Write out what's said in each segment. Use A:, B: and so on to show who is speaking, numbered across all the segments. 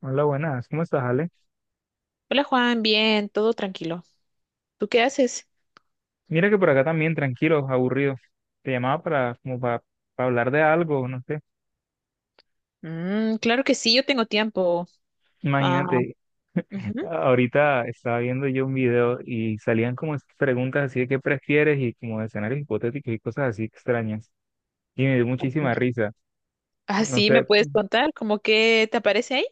A: Hola, buenas. ¿Cómo estás, Ale?
B: Hola Juan, bien, todo tranquilo. ¿Tú qué haces?
A: Mira que por acá también, tranquilo, aburrido. Te llamaba para hablar de algo, no sé.
B: Mm, claro que sí, yo tengo tiempo. Ah,
A: Imagínate,
B: ujú.
A: ahorita estaba viendo yo un video y salían como esas preguntas así de qué prefieres y como de escenarios hipotéticos y cosas así extrañas. Y me dio muchísima
B: Así.
A: risa.
B: Ah,
A: No
B: sí, me
A: sé,
B: puedes contar, ¿cómo que te aparece ahí?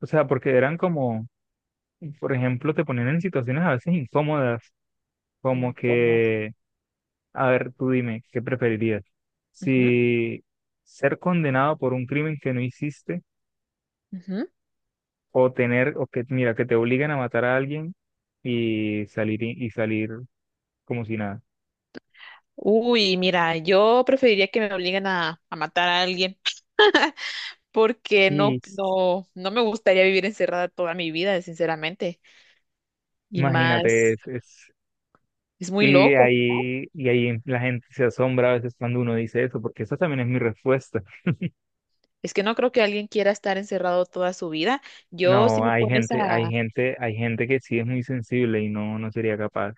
A: o sea, porque eran como, por ejemplo, te ponían en situaciones a veces incómodas, como
B: Incómodo.
A: que, a ver, tú dime, ¿qué preferirías?
B: Ujú,
A: Si ser condenado por un crimen que no hiciste,
B: ujú.
A: O tener, o que, mira, que te obliguen a matar a alguien y salir, y salir como si nada.
B: Uy, mira, yo preferiría que me obliguen a matar a alguien porque
A: Y
B: no,
A: s-
B: no, no me gustaría vivir encerrada toda mi vida, sinceramente. Y
A: imagínate,
B: más, es muy
A: y
B: loco.
A: ahí, y ahí la gente se asombra a veces cuando uno dice eso, porque esa también es mi respuesta.
B: Es que no creo que alguien quiera estar encerrado toda su vida. Yo, si
A: No,
B: me
A: hay
B: pones
A: gente, hay
B: a...
A: gente, hay gente que sí es muy sensible y no, no sería capaz.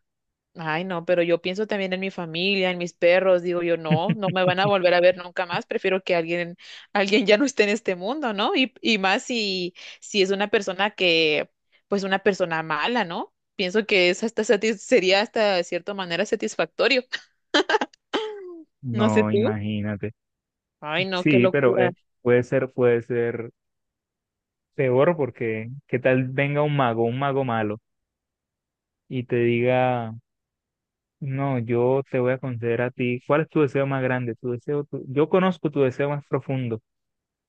B: Ay, no, pero yo pienso también en mi familia, en mis perros, digo yo, no, no me van a volver a ver nunca más, prefiero que alguien, alguien ya no esté en este mundo, ¿no? Y más si, si es una persona que, pues una persona mala, ¿no? Pienso que es hasta satis- sería hasta de cierta manera satisfactorio. No sé
A: No,
B: tú.
A: imagínate.
B: Ay, no, qué
A: Sí, pero
B: locura.
A: puede ser peor porque ¿qué tal venga un mago malo y te diga: "No, yo te voy a conceder a ti. ¿Cuál es tu deseo más grande? Yo conozco tu deseo más profundo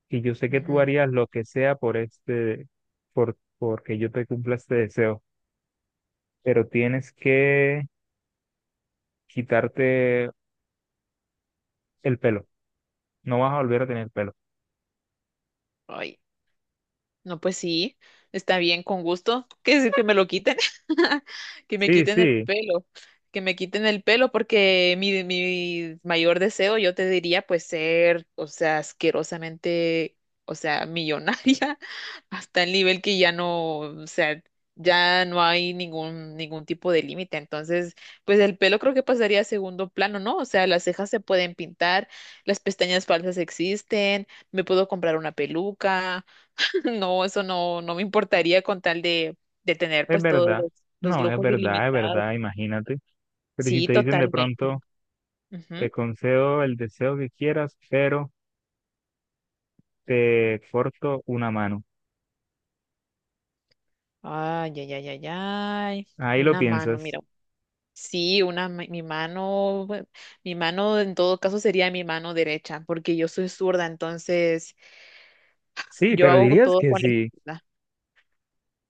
A: y yo sé que tú
B: Ujú.
A: harías lo que sea por este, porque yo te cumpla este deseo. Pero tienes que quitarte el pelo. No vas a volver a tener pelo."
B: Ay. No, pues sí, está bien, con gusto. ¿Qué decir que me lo quiten? Que me
A: Sí,
B: quiten el
A: sí,
B: pelo, que me quiten el pelo porque mi mayor deseo, yo te diría, pues ser, o sea, asquerosamente, o sea, millonaria, hasta el nivel que ya no, o sea, ya no hay ningún tipo de límite. Entonces, pues el pelo creo que pasaría a segundo plano, ¿no? O sea, las cejas se pueden pintar, las pestañas falsas existen, me puedo comprar una peluca. No, eso no, no me importaría con tal de tener
A: es
B: pues todos
A: verdad.
B: los
A: No, es
B: lujos
A: verdad, es
B: ilimitados.
A: verdad. Imagínate. Pero si
B: Sí,
A: te dicen de
B: totalmente.
A: pronto, te
B: Ujú.
A: concedo el deseo que quieras, pero te corto una mano.
B: Ay, ay, ay, ay, ay.
A: Ahí lo
B: Una mano,
A: piensas.
B: mira. Sí, una, ma- mi mano, bueno, mi mano en todo caso sería mi mano derecha, porque yo soy zurda, entonces
A: Sí,
B: yo
A: pero
B: hago
A: dirías
B: todo
A: que
B: con la
A: sí.
B: izquierda.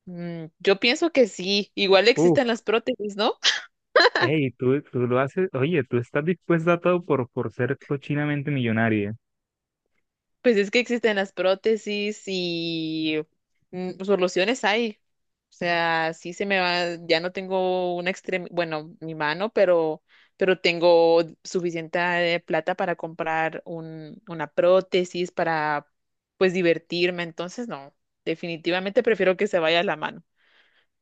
B: Mm, yo pienso que sí, igual existen
A: Uf,
B: las prótesis, ¿no?
A: hey, tú lo haces, oye, tú estás dispuesta a todo por ser cochinamente millonaria.
B: Pues es que existen las prótesis y pues, soluciones hay. O sea, sí se me va, ya no tengo una extremidad, bueno, mi mano, pero tengo suficiente plata para comprar un, una prótesis para, pues, divertirme. Entonces, no, definitivamente prefiero que se vaya la mano.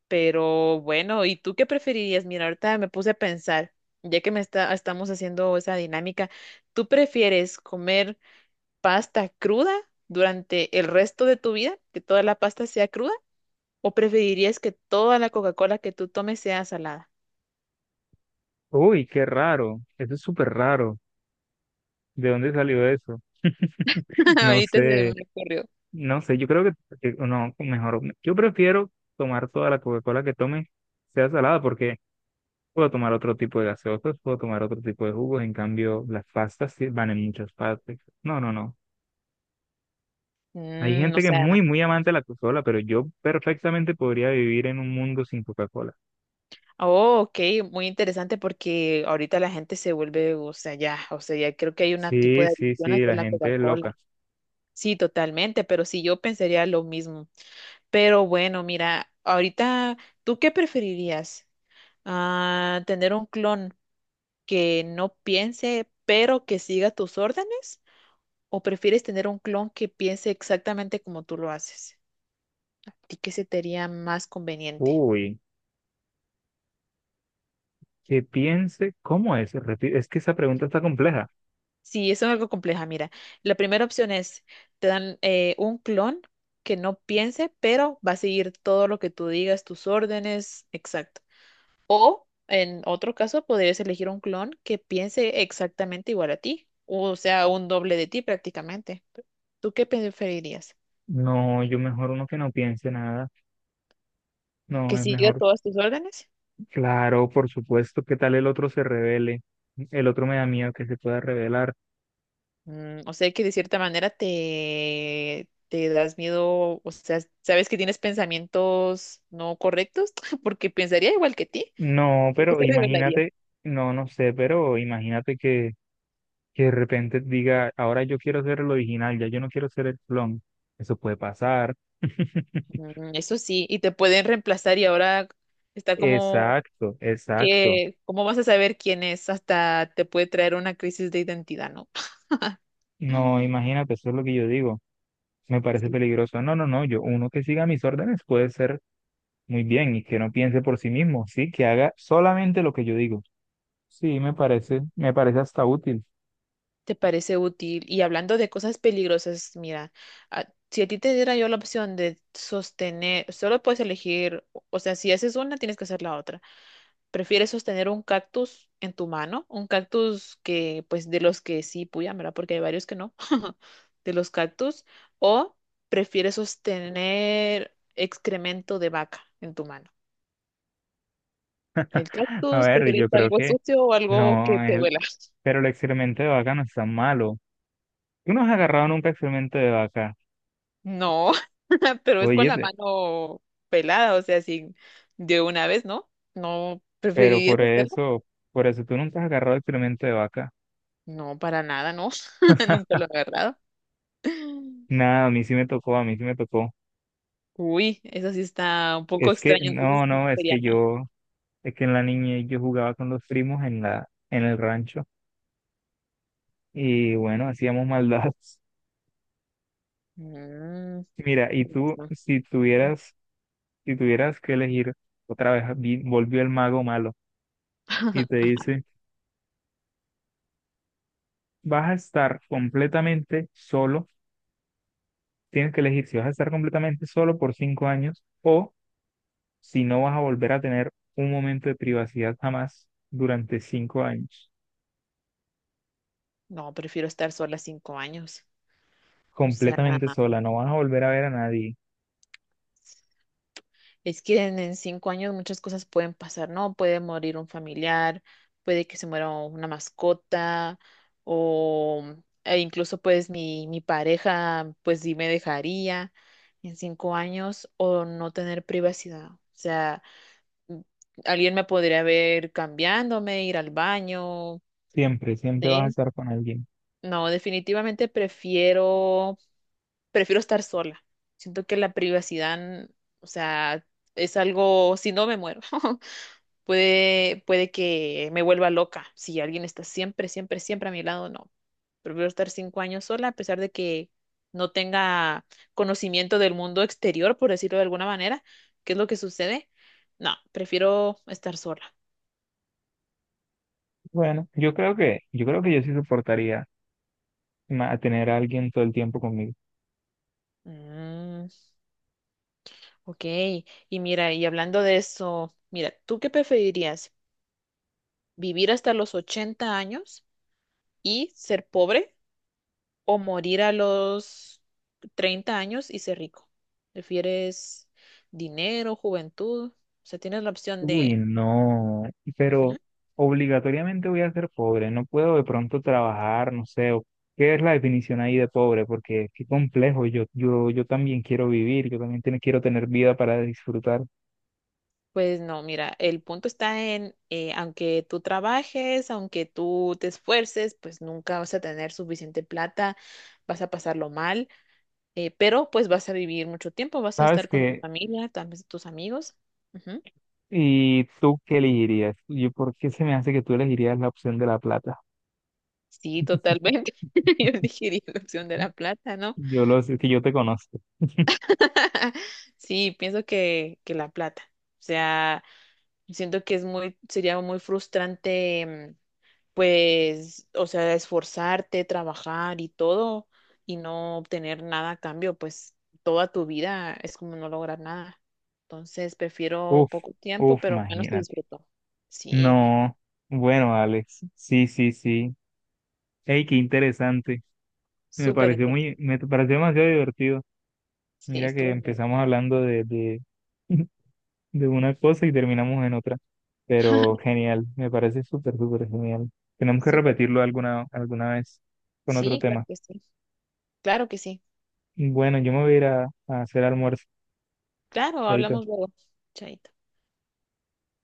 B: Pero bueno, ¿y tú qué preferirías? Mira, ahorita me puse a pensar, ya que me está, estamos haciendo esa dinámica, ¿tú prefieres comer pasta cruda durante el resto de tu vida, que toda la pasta sea cruda, o preferirías que toda la Coca-Cola que tú tomes sea salada?
A: Uy, qué raro, eso es súper raro. ¿De dónde salió eso? No
B: Ahorita se me
A: sé,
B: ocurrió.
A: no sé, yo creo que, no, mejor, yo prefiero tomar toda la Coca-Cola que tome, sea salada, porque puedo tomar otro tipo de gaseosas, puedo tomar otro tipo de jugos, en cambio las pastas sí van en muchas partes. No, no, no. Hay
B: Mm, o
A: gente que es
B: sea,
A: muy, muy amante de la Coca-Cola, pero yo perfectamente podría vivir en un mundo sin Coca-Cola.
B: oh, ok, muy interesante porque ahorita la gente se vuelve, o sea, ya creo que hay un tipo
A: Sí,
B: de
A: sí,
B: adicción
A: sí,
B: hacia
A: la
B: la
A: gente es
B: Coca-Cola.
A: loca.
B: Sí, totalmente, pero sí, yo pensaría lo mismo. Pero bueno, mira, ahorita, ¿tú qué preferirías? Ah, ¿tener un clon que no piense, pero que siga tus órdenes? ¿O prefieres tener un clon que piense exactamente como tú lo haces? ¿A ti qué se te haría más conveniente?
A: Uy, que piense, ¿cómo es? Es que esa pregunta está compleja.
B: Sí, eso es algo compleja. Mira, la primera opción es, te dan un clon que no piense, pero va a seguir todo lo que tú digas, tus órdenes, exacto. O en otro caso, podrías elegir un clon que piense exactamente igual a ti, o sea, un doble de ti prácticamente. ¿Tú qué preferirías?
A: No, yo mejor uno que no piense nada. No,
B: ¿Que
A: es
B: siga
A: mejor,
B: todas tus órdenes?
A: claro, por supuesto, ¿qué tal el otro se revele? El otro me da miedo que se pueda revelar.
B: Mm, o sea que de cierta manera te das miedo, o sea, sabes que tienes pensamientos no correctos, porque pensaría igual que ti,
A: No,
B: porque
A: pero
B: se revelaría.
A: imagínate, no, no sé, pero imagínate que de repente diga: "Ahora yo quiero ser el original, ya yo no quiero ser el clon." Eso puede pasar.
B: Mm, eso sí, y te pueden reemplazar y ahora está como
A: Exacto, exacto.
B: que, ¿cómo vas a saber quién es? Hasta te puede traer una crisis de identidad, ¿no?
A: No, imagínate, eso es lo que yo digo. Me parece
B: Sí.
A: peligroso. No, no, no, uno que siga mis órdenes puede ser muy bien y que no piense por sí mismo, sí, que haga solamente lo que yo digo. Sí, me
B: Mm,
A: parece, me parece hasta útil.
B: te parece útil. Y hablando de cosas peligrosas, mira, a- si a ti te diera yo la opción de sostener, solo puedes elegir, o sea, si haces una, tienes que hacer la otra. ¿Prefieres sostener un cactus en tu mano? Un cactus que, pues, de los que sí puyan, ¿verdad? Porque hay varios que no, de los cactus. ¿O prefieres sostener excremento de vaca en tu mano? ¿El
A: A
B: cactus?
A: ver,
B: ¿Prefieres
A: yo creo
B: algo
A: que
B: sucio o algo que
A: no,
B: te duela?
A: pero el experimento de vaca no es tan malo. Tú no has agarrado nunca experimento de vaca,
B: No, pero es con
A: oye,
B: la mano pelada, o sea, así de una vez, ¿no? ¿No
A: pero
B: preferirías
A: por
B: hacerlo?
A: eso, por eso tú nunca has agarrado experimento de vaca.
B: No, para nada, no. Nunca lo he agarrado.
A: Nada, a mí sí me tocó, a mí sí me tocó.
B: Uy, eso sí está un poco
A: Es que,
B: extraño, entonces
A: no,
B: no
A: no, es
B: sería
A: que
B: nada.
A: yo, es que en la niñez yo jugaba con los primos en en el rancho. Y bueno, hacíamos maldades.
B: Mm,
A: Mira, y
B: tienes
A: tú,
B: razón.
A: si tuvieras, que elegir, otra vez volvió el mago malo y te dice: "Vas a estar completamente solo, tienes que elegir si vas a estar completamente solo por 5 años o si no vas a volver a tener un momento de privacidad jamás durante 5 años,
B: No, prefiero estar sola 5 años. O sea,
A: completamente sola, no vas a volver a ver a nadie,
B: es que en 5 años muchas cosas pueden pasar, ¿no? Puede morir un familiar, puede que se muera una mascota, o e incluso pues mi pareja, pues sí me dejaría en 5 años, o no tener privacidad. O sea, m- alguien me podría ver cambiándome, ir al baño,
A: siempre, siempre vas a
B: ¿sí?
A: estar con alguien."
B: No, definitivamente prefiero prefiero estar sola. Siento que la privacidad, o sea, es algo, si no me muero, puede que me vuelva loca. Si alguien está siempre, siempre, siempre a mi lado, no. Prefiero estar 5 años sola, a pesar de que no tenga conocimiento del mundo exterior, por decirlo de alguna manera, qué es lo que sucede. No, prefiero estar sola.
A: Bueno, yo creo que yo sí soportaría tener a alguien todo el tiempo conmigo.
B: Mm, ok, y mira, y hablando de eso, mira, ¿tú qué preferirías? ¿Vivir hasta los 80 años y ser pobre o morir a los 30 años y ser rico? ¿Prefieres dinero, juventud? O sea, tienes la opción
A: Uy,
B: de...
A: no, pero
B: Ujú.
A: obligatoriamente voy a ser pobre, no puedo de pronto trabajar, no sé, ¿qué es la definición ahí de pobre? Porque qué complejo, yo también quiero vivir, yo también quiero tener vida para disfrutar.
B: Pues no, mira, el punto está en, aunque tú trabajes, aunque tú te esfuerces, pues nunca vas a tener suficiente plata, vas a pasarlo mal, pero pues vas a vivir mucho tiempo, vas a
A: ¿Sabes
B: estar con tu
A: qué?
B: familia, también tus amigos. Ujú.
A: ¿Y tú qué elegirías? ¿Por qué se me hace que tú elegirías la opción de la plata?
B: Sí, totalmente. Yo elegiría la opción de la plata, ¿no?
A: Yo lo sé, que yo te conozco.
B: Sí, pienso que, la plata. O sea, siento que es muy, sería muy frustrante, mm, pues, o sea, esforzarte, trabajar y todo, y no obtener nada a cambio, pues toda tu vida es como no lograr nada. Entonces, prefiero
A: Uf,
B: poco tiempo,
A: uf,
B: pero al menos te
A: imagínate.
B: disfruto. Sí,
A: No, bueno, Alex, sí, sí, sí. Ey, qué interesante.
B: súper interesante.
A: Me pareció demasiado divertido.
B: Sí,
A: Mira que
B: estuvo muy
A: empezamos
B: divertido.
A: hablando de una cosa y terminamos en otra, pero genial, me parece súper, súper genial. Tenemos que
B: Súper.
A: repetirlo alguna vez con otro
B: Sí, claro
A: tema.
B: que sí. Claro que sí.
A: Bueno, yo me voy a ir a hacer almuerzo,
B: Claro,
A: chaito.
B: hablamos luego. Chaito.